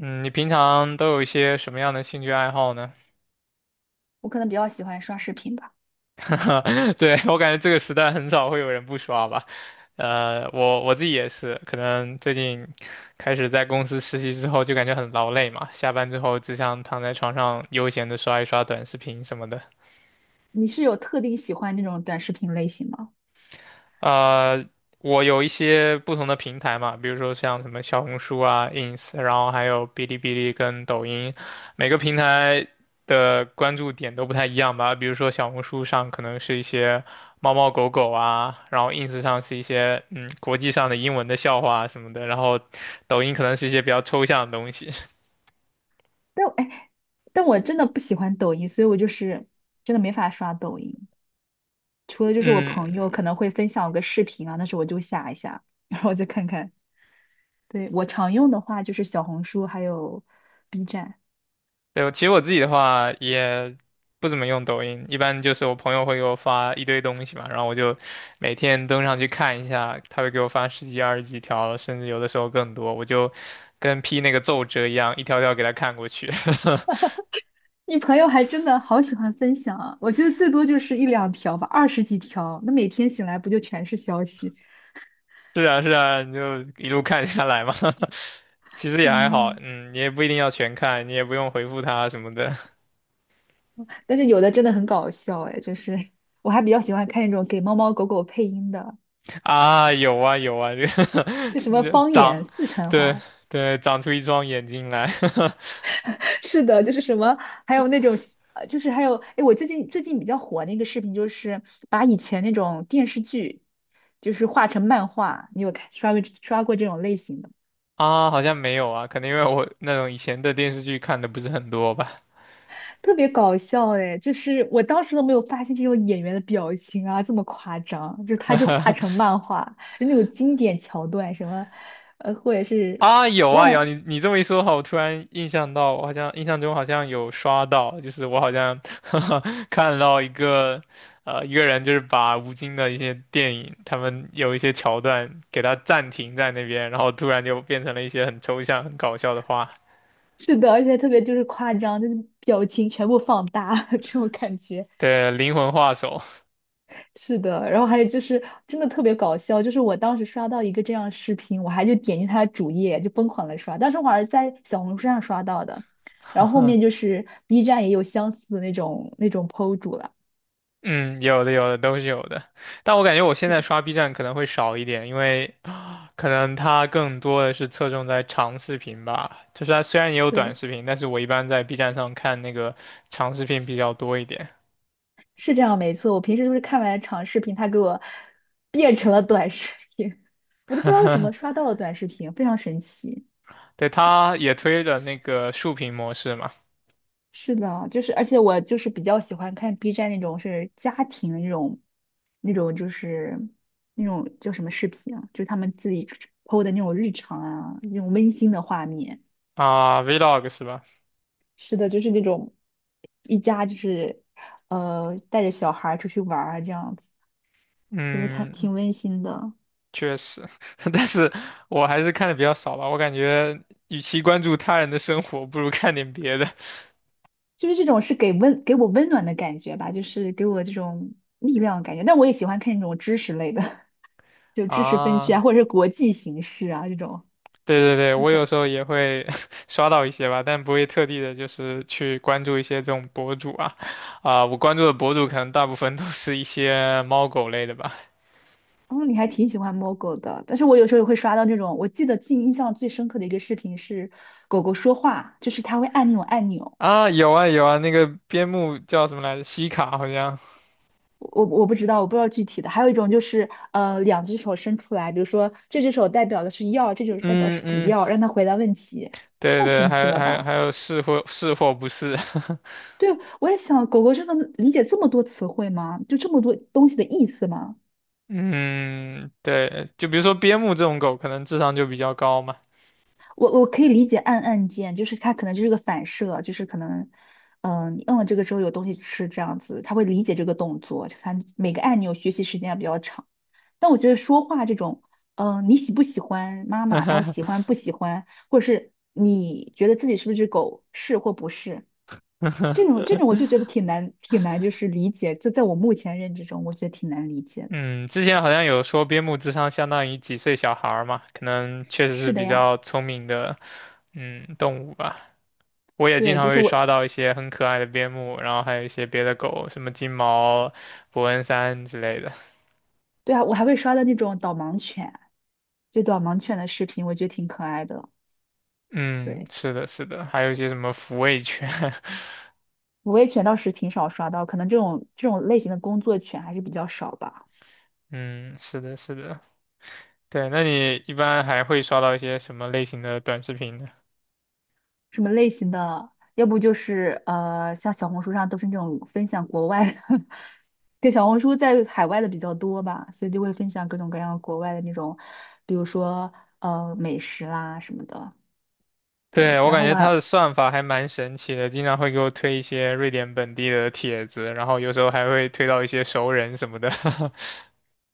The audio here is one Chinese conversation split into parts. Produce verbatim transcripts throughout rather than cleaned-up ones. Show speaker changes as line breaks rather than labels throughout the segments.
嗯，你平常都有一些什么样的兴趣爱好呢？
我可能比较喜欢刷视频吧。
对，我感觉这个时代很少会有人不刷吧。呃，我我自己也是，可能最近开始在公司实习之后，就感觉很劳累嘛，下班之后只想躺在床上悠闲的刷一刷短视频什么的。
你是有特定喜欢那种短视频类型吗？
呃，我有一些不同的平台嘛，比如说像什么小红书啊、ins,然后还有哔哩哔哩跟抖音，每个平台的关注点都不太一样吧。比如说小红书上可能是一些猫猫狗狗啊，然后 ins 上是一些嗯国际上的英文的笑话啊什么的，然后抖音可能是一些比较抽象的东西。
但我哎，但我真的不喜欢抖音，所以我就是真的没法刷抖音。除了就是我
嗯，
朋友可能会分享个视频啊，那时候我就下一下，然后我再看看。对，我常用的话就是小红书还有 B 站。
对，其实我自己的话也不怎么用抖音，一般就是我朋友会给我发一堆东西嘛，然后我就每天登上去看一下，他会给我发十几、二十几条，甚至有的时候更多，我就跟批那个奏折一样，一条条给他看过去。
你朋友还真的好喜欢分享啊，我觉得最多就是一两条吧，二十几条，那每天醒来不就全是消息？
是啊，是啊，你就一路看下来嘛。其实也还好，
嗯，
嗯，你也不一定要全看，你也不用回复他什么的
但是有的真的很搞笑哎，就是我还比较喜欢看那种给猫猫狗狗配音的，
啊。有啊，有啊，这
是什么
个
方
长，
言四川
对
话？
对，长出一双眼睛来。
是的，就是什么，还有那种呃就是还有哎，我最近最近比较火那个视频，就是把以前那种电视剧，就是画成漫画，你有看刷过刷过这种类型的吗？
啊，好像没有啊，可能因为我那种以前的电视剧看的不是很多吧。
特别搞笑哎，就是我当时都没有发现这种演员的表情啊这么夸张，就是他就画成 漫画，那种经典桥段什么，呃，或者是
啊，有啊
忘
有啊
了。
你你这么一说的话我突然印象到，我好像印象中好像有刷到，就是我好像 看到一个呃一个人就是把吴京的一些电影，他们有一些桥段给他暂停在那边，然后突然就变成了一些很抽象、很搞笑的话，
是的，而且特别就是夸张，就是表情全部放大 这种感觉。
对，灵魂画手。
是的，然后还有就是真的特别搞笑，就是我当时刷到一个这样的视频，我还就点进他的主页就疯狂的刷，当时我还是在小红书上刷到的，然后后面就是 B 站也有相似的那种那种 P O 主了。
嗯，有的有的都是有的，但我感觉我现在
嗯，
刷 B 站可能会少一点，因为 啊可能它更多的是侧重在长视频吧。就是它虽然也有短
对，
视频，但是我一般在 B 站上看那个长视频比较多一点。
是这样没错。我平时就是看完长视频，他给我变成了短视频，我都不知道为什么 刷到了短视频，非常神奇。
对，它也推了那个竖屏模式嘛，
是的，就是而且我就是比较喜欢看 B 站那种是家庭的那种，那种就是那种叫什么视频啊，就是他们自己 P O 的那种日常啊，那种温馨的画面。
啊，Vlog 是吧？
是的，就是那种一家就是呃带着小孩儿出去玩儿啊这样子，我觉得看
嗯，
挺温馨的，
确实，但是我还是看的比较少吧。我感觉与其关注他人的生活，不如看点别的
就是这种是给温给我温暖的感觉吧，就是给我这种力量的感觉。但我也喜欢看那种知识类的，就 知识分区啊，
啊。
或者是国际形势啊这种。
对对对，
就是
我有
感。
时候也会 刷到一些吧，但不会特地的，就是去关注一些这种博主啊，啊、我关注的博主可能大部分都是一些猫狗类的吧。
哦，你还挺喜欢摸狗的，但是我有时候也会刷到那种，我记得记忆印象最深刻的一个视频是狗狗说话，就是它会按那种按钮，
啊，有啊有啊，那个边牧叫什么来着？西卡好像，
我我不知道，我不知道具体的。还有一种就是呃，两只手伸出来，比如说这只手代表的是要，这只手代表
嗯
是不
嗯，
要，让它回答问题，
对
太
对，
神
还
奇
有
了
还有
吧？
还有是或是或不是，
对，我也想，狗狗真的理解这么多词汇吗？就这么多东西的意思吗？
嗯，对，就比如说边牧这种狗，可能智商就比较高嘛。
我我可以理解按按键，就是它可能就是个反射，就是可能，嗯、你摁了这个之后有东西吃这样子，他会理解这个动作，就看每个按钮学习时间也比较长。但我觉得说话这种，嗯、你喜不喜欢妈妈，然后喜 欢不喜欢，或者是你觉得自己是不是只狗，是或不是，这种这种我就觉得挺难挺难，就是理解，就在我目前认知中，我觉得挺难理解的。
嗯，之前好像有说边牧智商相当于几岁小孩儿嘛，可能确实是
是的
比
呀，
较聪明的，嗯，动物吧。我也经
对，
常
就是
会
我，
刷到一些很可爱的边牧，然后还有一些别的狗，什么金毛、伯恩山之类的。
对啊，我还会刷到那种导盲犬。就导盲犬的视频，我觉得挺可爱的。
嗯，
对，
是的，是的，还有一些什么抚慰犬。
无畏犬倒是挺少刷到，可能这种这种类型的工作犬还是比较少吧。
嗯，是的，是的。对，那你一般还会刷到一些什么类型的短视频呢？
什么类型的？要不就是呃，像小红书上都是那种分享国外的，对，小红书在海外的比较多吧，所以就会分享各种各样国外的那种，比如说呃美食啦什么的。
对，
对，
我
然
感
后
觉
我
它
还
的算法还蛮神奇的，经常会给我推一些瑞典本地的帖子，然后有时候还会推到一些熟人什么的。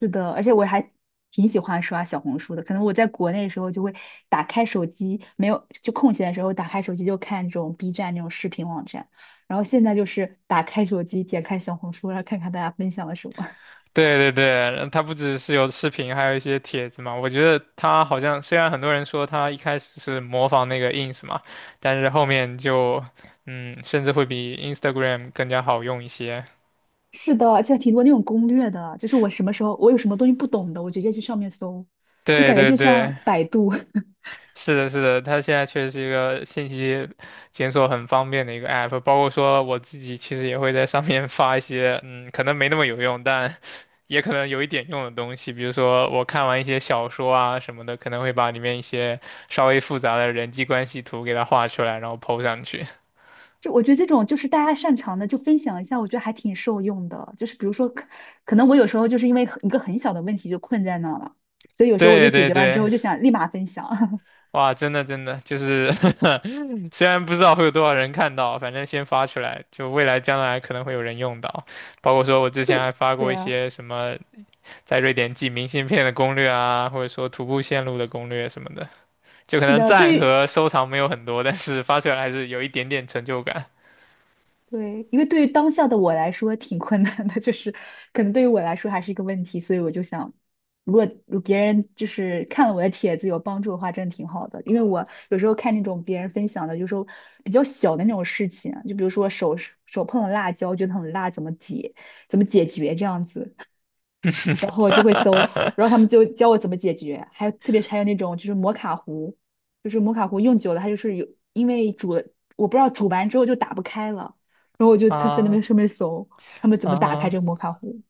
是的，而且我还挺喜欢刷小红书的。可能我在国内的时候就会打开手机，没有就空闲的时候打开手机就看这种 B 站那种视频网站，然后现在就是打开手机点开小红书，然后看看大家分享了什么。
对对对，它不只是有视频，还有一些帖子嘛。我觉得它好像虽然很多人说它一开始是模仿那个 ins 嘛，但是后面就嗯，甚至会比 Instagram 更加好用一些。
是的，而且挺多那种攻略的，就是我什么时候我有什么东西不懂的，我直接去上面搜，就
对
感觉
对
就
对。
像百度。
是的，是的，它现在确实是一个信息检索很方便的一个 app,包括说我自己其实也会在上面 发一些，嗯，可能没那么有用，但也可能有一点用的东西，比如说我看完一些小说啊什么的，可能会把里面一些稍微复杂的人际关系图给它画出来，然后 po 上去。
就我觉得这种就是大家擅长的就分享一下，我觉得还挺受用的。就是比如说可，可能我有时候就是因为一个很小的问题就困在那了，所以有时候我就
对
解
对
决完之
对，
后就想立马分享。
哇，真的真的就是 虽然不知道会有多少人看到，反正先发出来，就未来将来可能会有人用到。包括说我之 前还
对，
发
对
过一
啊，
些什么在瑞典寄明信片的攻略啊，或者说徒步线路的攻略什么的，就可
是
能
的，对
赞
于
和收藏没有很多，但是发出来还是有一点点成就感。
对，因为对于当下的我来说挺困难的，就是可能对于我来说还是一个问题，所以我就想，如果如果别人就是看了我的帖子有帮助的话，真的挺好的。因为我有时候看那种别人分享的，有时候比较小的那种事情啊，就比如说手手碰了辣椒，觉得很辣，怎么解怎么解决这样子，然后我就会搜，然后他们就教我怎么解决，还有特别是还有那种就是摩卡壶，就是摩卡壶用久了它就是有，因为煮了，我不知道煮完之后就打不开了，然后我就他在那边
啊
上面搜他们怎么打开
啊。
这个摩卡壶，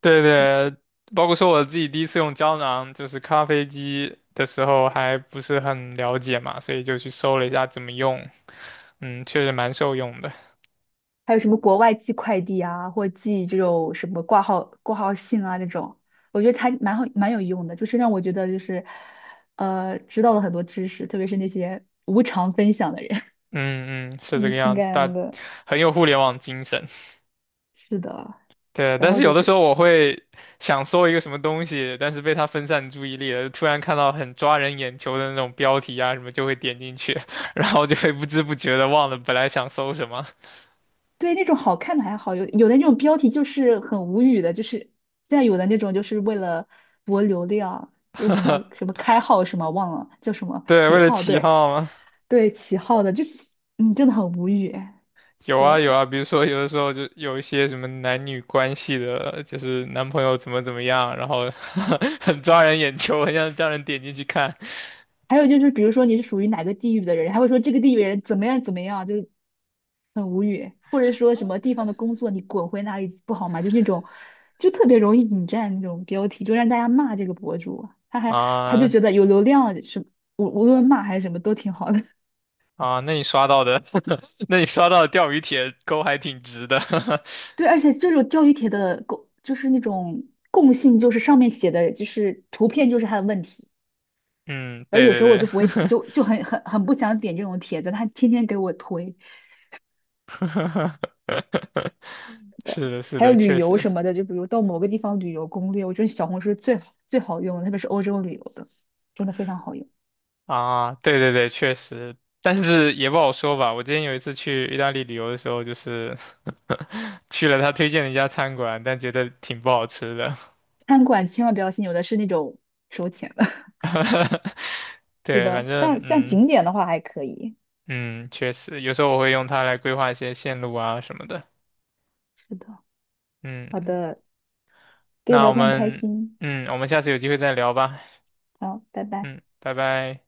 对
对，
对，包括说我自己第一次用胶囊，就是咖啡机的时候还不是很了解嘛，所以就去搜了一下怎么用，嗯，确实蛮受用的。
还有什么国外寄快递啊，或寄这种什么挂号挂号信啊这种，我觉得它蛮好蛮有用的，就是让我觉得就是呃知道了很多知识，特别是那些无偿分享的人，
嗯嗯，是这
嗯，
个
挺
样子，
感恩
大
的，
很有互联网精神。
是的。
对，
然
但
后
是
就
有的时
是，
候我会想搜一个什么东西，但是被它分散注意力了突然看到很抓人眼球的那种标题啊什么，就会点进去，然后就会不知不觉的忘了本来想搜什么。
对，那种好看的还好，有有的那种标题就是很无语的，就是现在有的那种就是为了博流量，为什么 什么开号什么忘了叫什么
对，
起
为了
号，
起
对，
号
对起号的，就是嗯真的很无语。
有啊
对，
有啊，比如说有的时候就有一些什么男女关系的，就是男朋友怎么怎么样，然后 很抓人眼球，很想叫人点进去看
还有就是，比如说你是属于哪个地域的人，还会说这个地域人怎么样怎么样，就很无语。或者说什么地方的工作你滚回哪里不好吗？就那种，就特别容易引战那种标题，就让大家骂这个博主。他还他就
啊
觉得有流量是无无论骂还是什么都挺好的。
啊，那你刷到的，那你刷到的钓鱼帖钩还挺直的，
对，而且这种钓鱼帖的共就是那种共性，就是上面写的就是图片就是他的问题。
嗯，
而
对
有
对
时候我
对，
就不会，就就很很很不想点这种帖子，他天天给我推。的。
是的是
还有
的，
旅
确
游
实。
什么的，就比如到某个地方旅游攻略，我觉得小红书是最好最好用的，特别是欧洲旅游的，真的非常好用。
啊，对对对，确实，但是也不好说吧。我之前有一次去意大利旅游的时候，就是 去了他推荐的一家餐馆，但觉得挺不好吃的。
餐馆千万不要信，有的是那种收钱的。是
对，反
的，
正
像像
嗯
景点的话还可以。
嗯，确实，有时候我会用它来规划一些线路啊什么的。
是的，好
嗯，
的，跟你
那
聊
我
天很开
们
心，
嗯，我们下次有机会再聊吧。
好，拜拜。
嗯，拜拜。